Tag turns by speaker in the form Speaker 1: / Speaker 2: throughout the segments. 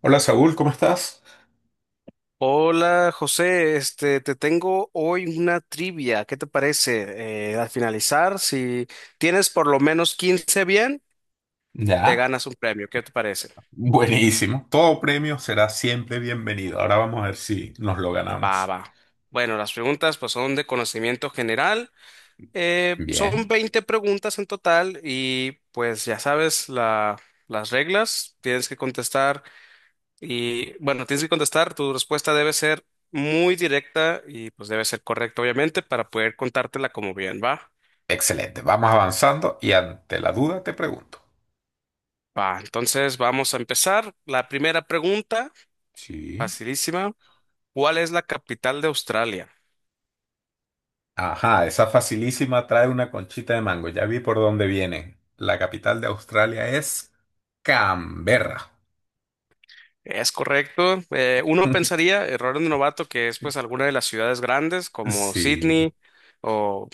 Speaker 1: Hola Saúl, ¿cómo estás?
Speaker 2: Hola José, te tengo hoy una trivia. ¿Qué te parece? Al finalizar, si tienes por lo menos 15 bien, te
Speaker 1: Ya.
Speaker 2: ganas un premio. ¿Qué te parece?
Speaker 1: Buenísimo. Todo premio será siempre bienvenido. Ahora vamos a ver si nos lo
Speaker 2: Va,
Speaker 1: ganamos.
Speaker 2: va. Bueno, las preguntas pues son de conocimiento general. Son
Speaker 1: Bien.
Speaker 2: 20 preguntas en total y pues ya sabes las reglas. Tienes que contestar y bueno, tienes que contestar. Tu respuesta debe ser muy directa y pues debe ser correcta obviamente para poder contártela como bien, ¿va?
Speaker 1: Excelente. Vamos avanzando y ante la duda te pregunto.
Speaker 2: Va, entonces vamos a empezar. La primera pregunta,
Speaker 1: Sí.
Speaker 2: facilísima. ¿Cuál es la capital de Australia?
Speaker 1: Ajá, esa facilísima trae una conchita de mango. Ya vi por dónde vienen. La capital de Australia es Canberra.
Speaker 2: Es correcto. Uno pensaría, error de novato, que es pues alguna de las ciudades grandes como
Speaker 1: Sí.
Speaker 2: Sydney o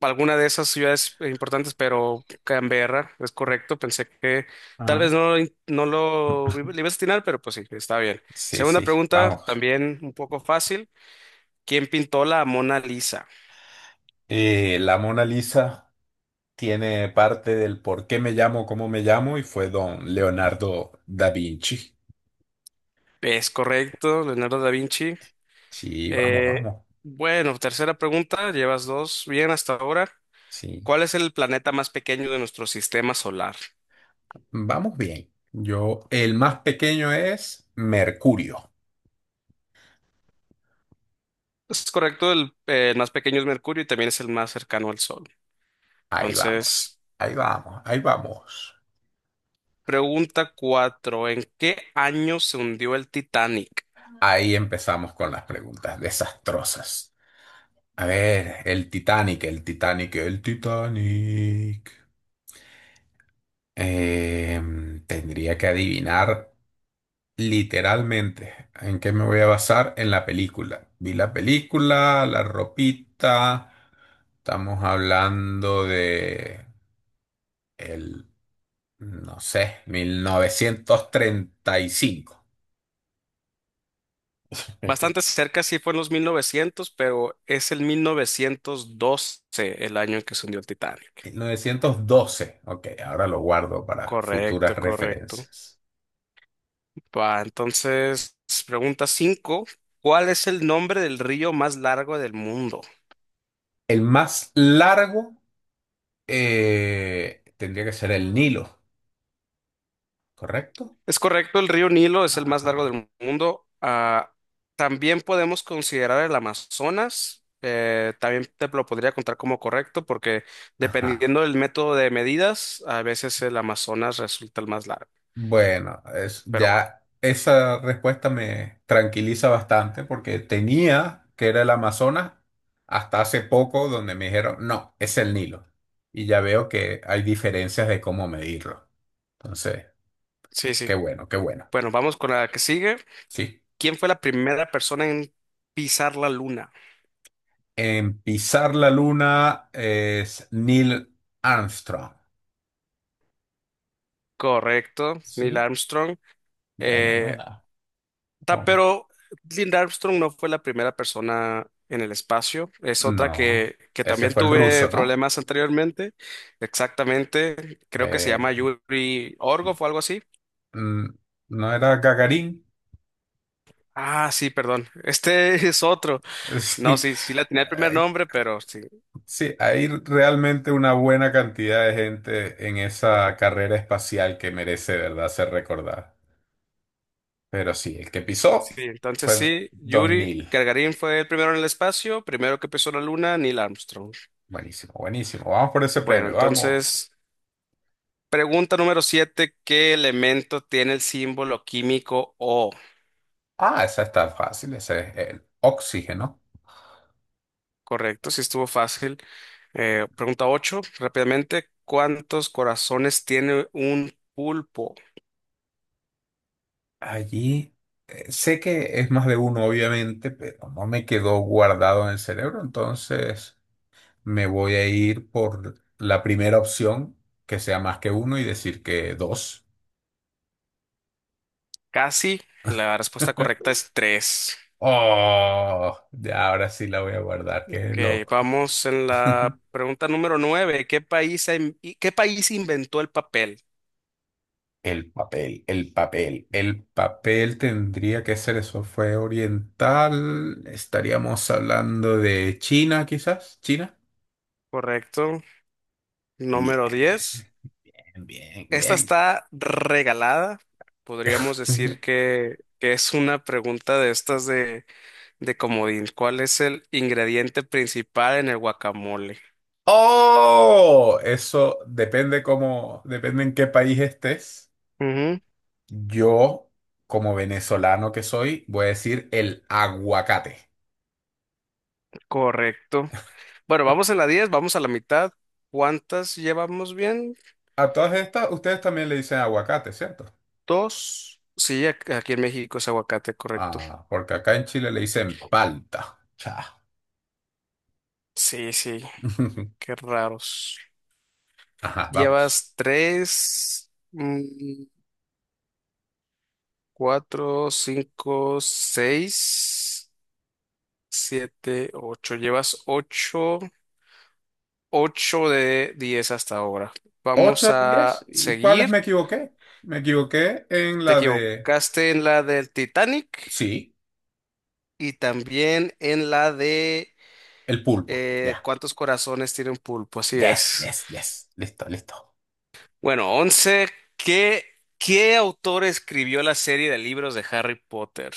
Speaker 2: alguna de esas ciudades importantes, pero Canberra es correcto. Pensé que tal vez
Speaker 1: Ah.
Speaker 2: no, no lo le ibas a atinar, pero pues sí, está bien.
Speaker 1: Sí,
Speaker 2: Segunda
Speaker 1: sí.
Speaker 2: pregunta,
Speaker 1: Vamos.
Speaker 2: también un poco fácil. ¿Quién pintó la Mona Lisa?
Speaker 1: La Mona Lisa tiene parte del por qué me llamo, cómo me llamo, y fue don Leonardo da Vinci.
Speaker 2: Es correcto, Leonardo da Vinci.
Speaker 1: Sí, vamos,
Speaker 2: Eh,
Speaker 1: vamos.
Speaker 2: bueno, tercera pregunta, llevas dos bien hasta ahora.
Speaker 1: Sí,
Speaker 2: ¿Cuál es el planeta más pequeño de nuestro sistema solar?
Speaker 1: vamos bien. Yo, el más pequeño es Mercurio.
Speaker 2: Es correcto, el más pequeño es Mercurio y también es el más cercano al Sol.
Speaker 1: Ahí vamos,
Speaker 2: Entonces,
Speaker 1: ahí vamos, ahí vamos.
Speaker 2: pregunta cuatro, ¿en qué año se hundió el Titanic?
Speaker 1: Ahí empezamos con las preguntas desastrosas. A ver, el Titanic, el Titanic, el Titanic. Tendría que adivinar. Literalmente, ¿en qué me voy a basar? En la película. Vi la película, la ropita, estamos hablando de el, no sé, mil novecientos treinta y cinco.
Speaker 2: Bastante cerca, sí fue en los 1900, pero es el 1912 el año en que se hundió el Titanic.
Speaker 1: 1912. Ok, ahora lo guardo para
Speaker 2: Correcto,
Speaker 1: futuras
Speaker 2: correcto.
Speaker 1: referencias.
Speaker 2: Va, entonces, pregunta cinco. ¿Cuál es el nombre del río más largo del mundo?
Speaker 1: El más largo tendría que ser el Nilo, ¿correcto?
Speaker 2: Es correcto, el río Nilo es el más largo
Speaker 1: Ajá,
Speaker 2: del mundo. Ah, también podemos considerar el Amazonas. También te lo podría contar como correcto porque
Speaker 1: ajá.
Speaker 2: dependiendo del método de medidas, a veces el Amazonas resulta el más largo.
Speaker 1: Bueno, es,
Speaker 2: Pero va,
Speaker 1: ya esa respuesta me tranquiliza bastante porque tenía que era el Amazonas hasta hace poco donde me dijeron, no, es el Nilo. Y ya veo que hay diferencias de cómo medirlo. Entonces,
Speaker 2: sí, sí.
Speaker 1: qué bueno, qué bueno.
Speaker 2: Bueno, vamos con la que sigue.
Speaker 1: Sí.
Speaker 2: ¿Quién fue la primera persona en pisar la luna?
Speaker 1: En pisar la luna es Neil Armstrong.
Speaker 2: Correcto, Neil
Speaker 1: Sí.
Speaker 2: Armstrong.
Speaker 1: Buena,
Speaker 2: Eh,
Speaker 1: buena. Oh,
Speaker 2: Pero Linda Armstrong no fue la primera persona en el espacio. Es otra
Speaker 1: no,
Speaker 2: que
Speaker 1: ese
Speaker 2: también
Speaker 1: fue el
Speaker 2: tuve
Speaker 1: ruso, ¿no?
Speaker 2: problemas anteriormente. Exactamente. Creo que se
Speaker 1: Eh,
Speaker 2: llama Yuri Orgov o algo así.
Speaker 1: mm, ¿No era Gagarin?
Speaker 2: Ah, sí, perdón. Este es otro. No,
Speaker 1: Sí,
Speaker 2: sí, sí la tenía el primer
Speaker 1: eh,
Speaker 2: nombre, pero sí.
Speaker 1: sí, hay realmente una buena cantidad de gente en esa carrera espacial que merece, de verdad, ser recordada. Pero sí, el que
Speaker 2: Sí,
Speaker 1: pisó
Speaker 2: entonces
Speaker 1: fue
Speaker 2: sí,
Speaker 1: Don
Speaker 2: Yuri
Speaker 1: Neil.
Speaker 2: Gagarin fue el primero en el espacio, primero que pisó la luna, Neil Armstrong.
Speaker 1: Buenísimo, buenísimo. Vamos por ese
Speaker 2: Bueno,
Speaker 1: premio, vamos.
Speaker 2: entonces, pregunta número siete, ¿qué elemento tiene el símbolo químico O?
Speaker 1: Ah, esa está fácil, ese es el oxígeno.
Speaker 2: Correcto, sí estuvo fácil. Pregunta 8, rápidamente, ¿cuántos corazones tiene un pulpo?
Speaker 1: Allí sé que es más de uno, obviamente, pero no me quedó guardado en el cerebro, entonces... me voy a ir por la primera opción, que sea más que uno y decir que dos.
Speaker 2: Casi, la respuesta correcta es 3.
Speaker 1: Oh, ya ahora sí la voy a guardar, qué
Speaker 2: Ok,
Speaker 1: loco.
Speaker 2: vamos en la pregunta número 9. ¿Qué país, ha in- y- qué país inventó el papel?
Speaker 1: El papel, el papel, el papel tendría que ser eso, fue oriental, estaríamos hablando de China quizás, China.
Speaker 2: Correcto,
Speaker 1: Bien,
Speaker 2: número diez.
Speaker 1: bien,
Speaker 2: Esta
Speaker 1: bien.
Speaker 2: está regalada, podríamos decir que es una pregunta de estas de comodín. ¿Cuál es el ingrediente principal en el guacamole?
Speaker 1: Oh, eso depende cómo, depende en qué país estés. Yo, como venezolano que soy, voy a decir el aguacate.
Speaker 2: Correcto. Bueno, vamos en la 10, vamos a la mitad. ¿Cuántas llevamos bien?
Speaker 1: A todas estas, ustedes también le dicen aguacate, ¿cierto?
Speaker 2: Dos. Sí, aquí en México es aguacate, correcto.
Speaker 1: Ah, porque acá en Chile le dicen palta. Cha.
Speaker 2: Sí, sí, qué raros.
Speaker 1: Ajá, vamos.
Speaker 2: Llevas tres, mm, cuatro, cinco, seis, siete, ocho. Llevas ocho, ocho de diez hasta ahora. Vamos
Speaker 1: Ocho de diez.
Speaker 2: a
Speaker 1: ¿Y cuáles
Speaker 2: seguir.
Speaker 1: me equivoqué? Me equivoqué en
Speaker 2: Te
Speaker 1: la de...
Speaker 2: equivocaste en la del Titanic
Speaker 1: Sí,
Speaker 2: y también en la de.
Speaker 1: el pulpo. Ya.
Speaker 2: ¿Cuántos corazones tiene un pulpo? Así
Speaker 1: Yes,
Speaker 2: es.
Speaker 1: yes, yes. Listo, listo.
Speaker 2: Bueno, 11. ¿Qué, qué autor escribió la serie de libros de Harry Potter?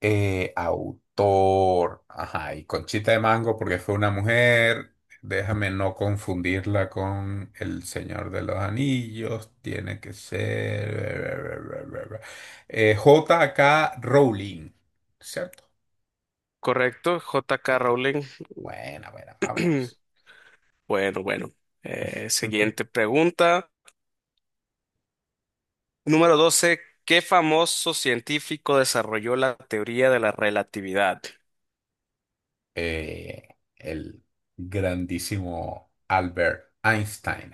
Speaker 1: Autor. Ajá, y Conchita de Mango porque fue una mujer. Déjame no confundirla con El Señor de los Anillos. Tiene que ser... J.K. Rowling. ¿Cierto?
Speaker 2: ¿Correcto? J.K.
Speaker 1: Bien.
Speaker 2: Rowling.
Speaker 1: Buena, buena, vamos.
Speaker 2: Bueno, bueno. Siguiente pregunta. Número 12. ¿Qué famoso científico desarrolló la teoría de la relatividad?
Speaker 1: Eh, el grandísimo Albert Einstein.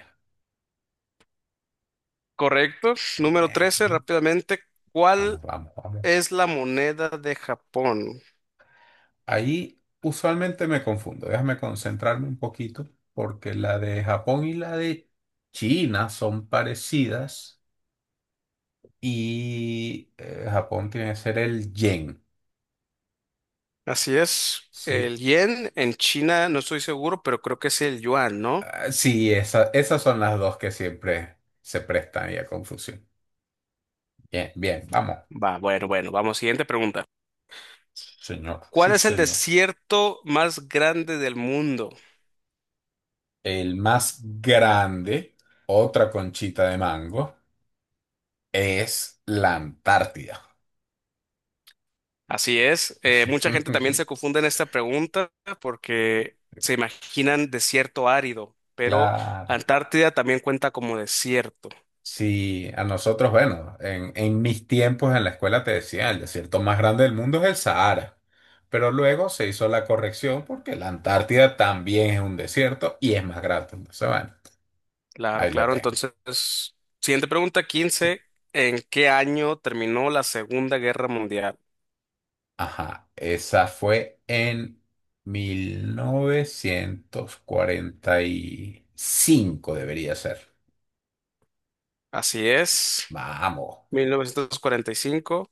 Speaker 2: ¿Correcto? Número 13.
Speaker 1: Bien.
Speaker 2: Rápidamente.
Speaker 1: Vamos,
Speaker 2: ¿Cuál
Speaker 1: vamos, vamos.
Speaker 2: es la moneda de Japón?
Speaker 1: Ahí usualmente me confundo. Déjame concentrarme un poquito porque la de Japón y la de China son parecidas y Japón tiene que ser el yen,
Speaker 2: Así es.
Speaker 1: ¿sí?
Speaker 2: El yen en China, no estoy seguro, pero creo que es el yuan, ¿no?
Speaker 1: Ah, sí, esas son las dos que siempre se prestan ahí a confusión. Bien, bien, vamos.
Speaker 2: Va, bueno, bueno, vamos, siguiente pregunta.
Speaker 1: Señor,
Speaker 2: ¿Cuál
Speaker 1: sí,
Speaker 2: es el
Speaker 1: señor.
Speaker 2: desierto más grande del mundo?
Speaker 1: El más grande, otra conchita de mango, es la Antártida.
Speaker 2: Así es. Mucha gente también se confunde en esta pregunta porque se imaginan desierto árido, pero
Speaker 1: Claro.
Speaker 2: Antártida también cuenta como desierto.
Speaker 1: Si a nosotros, bueno, en mis tiempos en la escuela te decía, el desierto más grande del mundo es el Sahara, pero luego se hizo la corrección porque la Antártida también es un desierto y es más grande. Entonces, bueno,
Speaker 2: Claro,
Speaker 1: ahí lo
Speaker 2: claro.
Speaker 1: tengo.
Speaker 2: Entonces, siguiente pregunta,
Speaker 1: Sí.
Speaker 2: quince. ¿En qué año terminó la Segunda Guerra Mundial?
Speaker 1: Ajá, esa fue en 1945 debería ser.
Speaker 2: Así es.
Speaker 1: Vamos,
Speaker 2: 1945.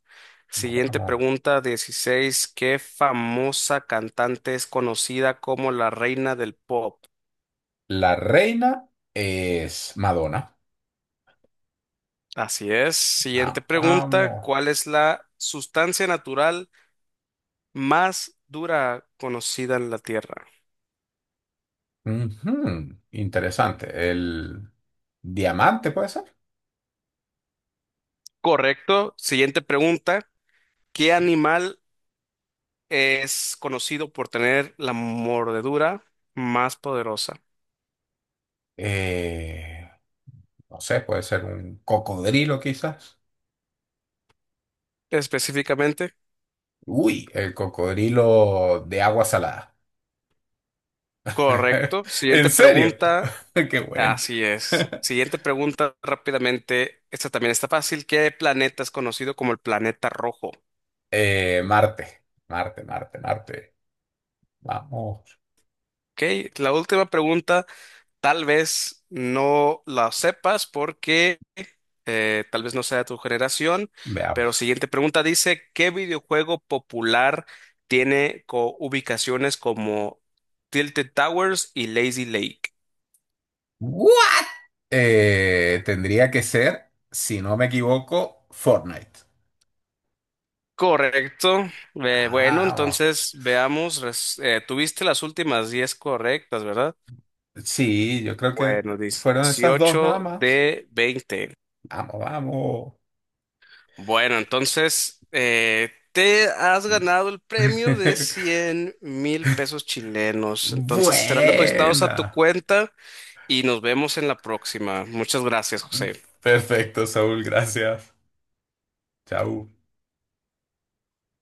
Speaker 2: Siguiente
Speaker 1: vamos.
Speaker 2: pregunta, 16. ¿Qué famosa cantante es conocida como la reina del pop?
Speaker 1: La reina es Madonna.
Speaker 2: Así es. Siguiente
Speaker 1: Vamos,
Speaker 2: pregunta,
Speaker 1: vamos.
Speaker 2: ¿cuál es la sustancia natural más dura conocida en la Tierra?
Speaker 1: Ujú, interesante. El diamante puede ser.
Speaker 2: Correcto. Siguiente pregunta, ¿qué
Speaker 1: Sí.
Speaker 2: animal es conocido por tener la mordedura más poderosa?
Speaker 1: Eh, no sé, puede ser un cocodrilo quizás.
Speaker 2: Específicamente,
Speaker 1: Uy, el cocodrilo de agua salada.
Speaker 2: correcto.
Speaker 1: ¿En
Speaker 2: Siguiente
Speaker 1: serio?
Speaker 2: pregunta,
Speaker 1: Qué bueno.
Speaker 2: así es. Siguiente pregunta rápidamente. Esta también está fácil. ¿Qué planeta es conocido como el planeta rojo?
Speaker 1: Marte, Marte, Marte, Marte. Vamos,
Speaker 2: Ok, la última pregunta tal vez no la sepas porque tal vez no sea de tu generación, pero
Speaker 1: veamos.
Speaker 2: siguiente pregunta dice, ¿qué videojuego popular tiene ubicaciones como Tilted Towers y Lazy Lake?
Speaker 1: ¿What? Tendría que ser, si no me equivoco, Fortnite.
Speaker 2: Correcto. Bueno,
Speaker 1: Vamos.
Speaker 2: entonces veamos, tuviste las últimas 10 correctas, ¿verdad?
Speaker 1: Sí, yo creo que
Speaker 2: Bueno,
Speaker 1: fueron esas dos nada
Speaker 2: 18
Speaker 1: más.
Speaker 2: de 20.
Speaker 1: Vamos, vamos.
Speaker 2: Bueno, entonces te has ganado el premio de 100.000 pesos chilenos. Entonces serán depositados a tu
Speaker 1: Buena.
Speaker 2: cuenta y nos vemos en la próxima. Muchas gracias, José.
Speaker 1: Perfecto, Saúl, gracias. Chau.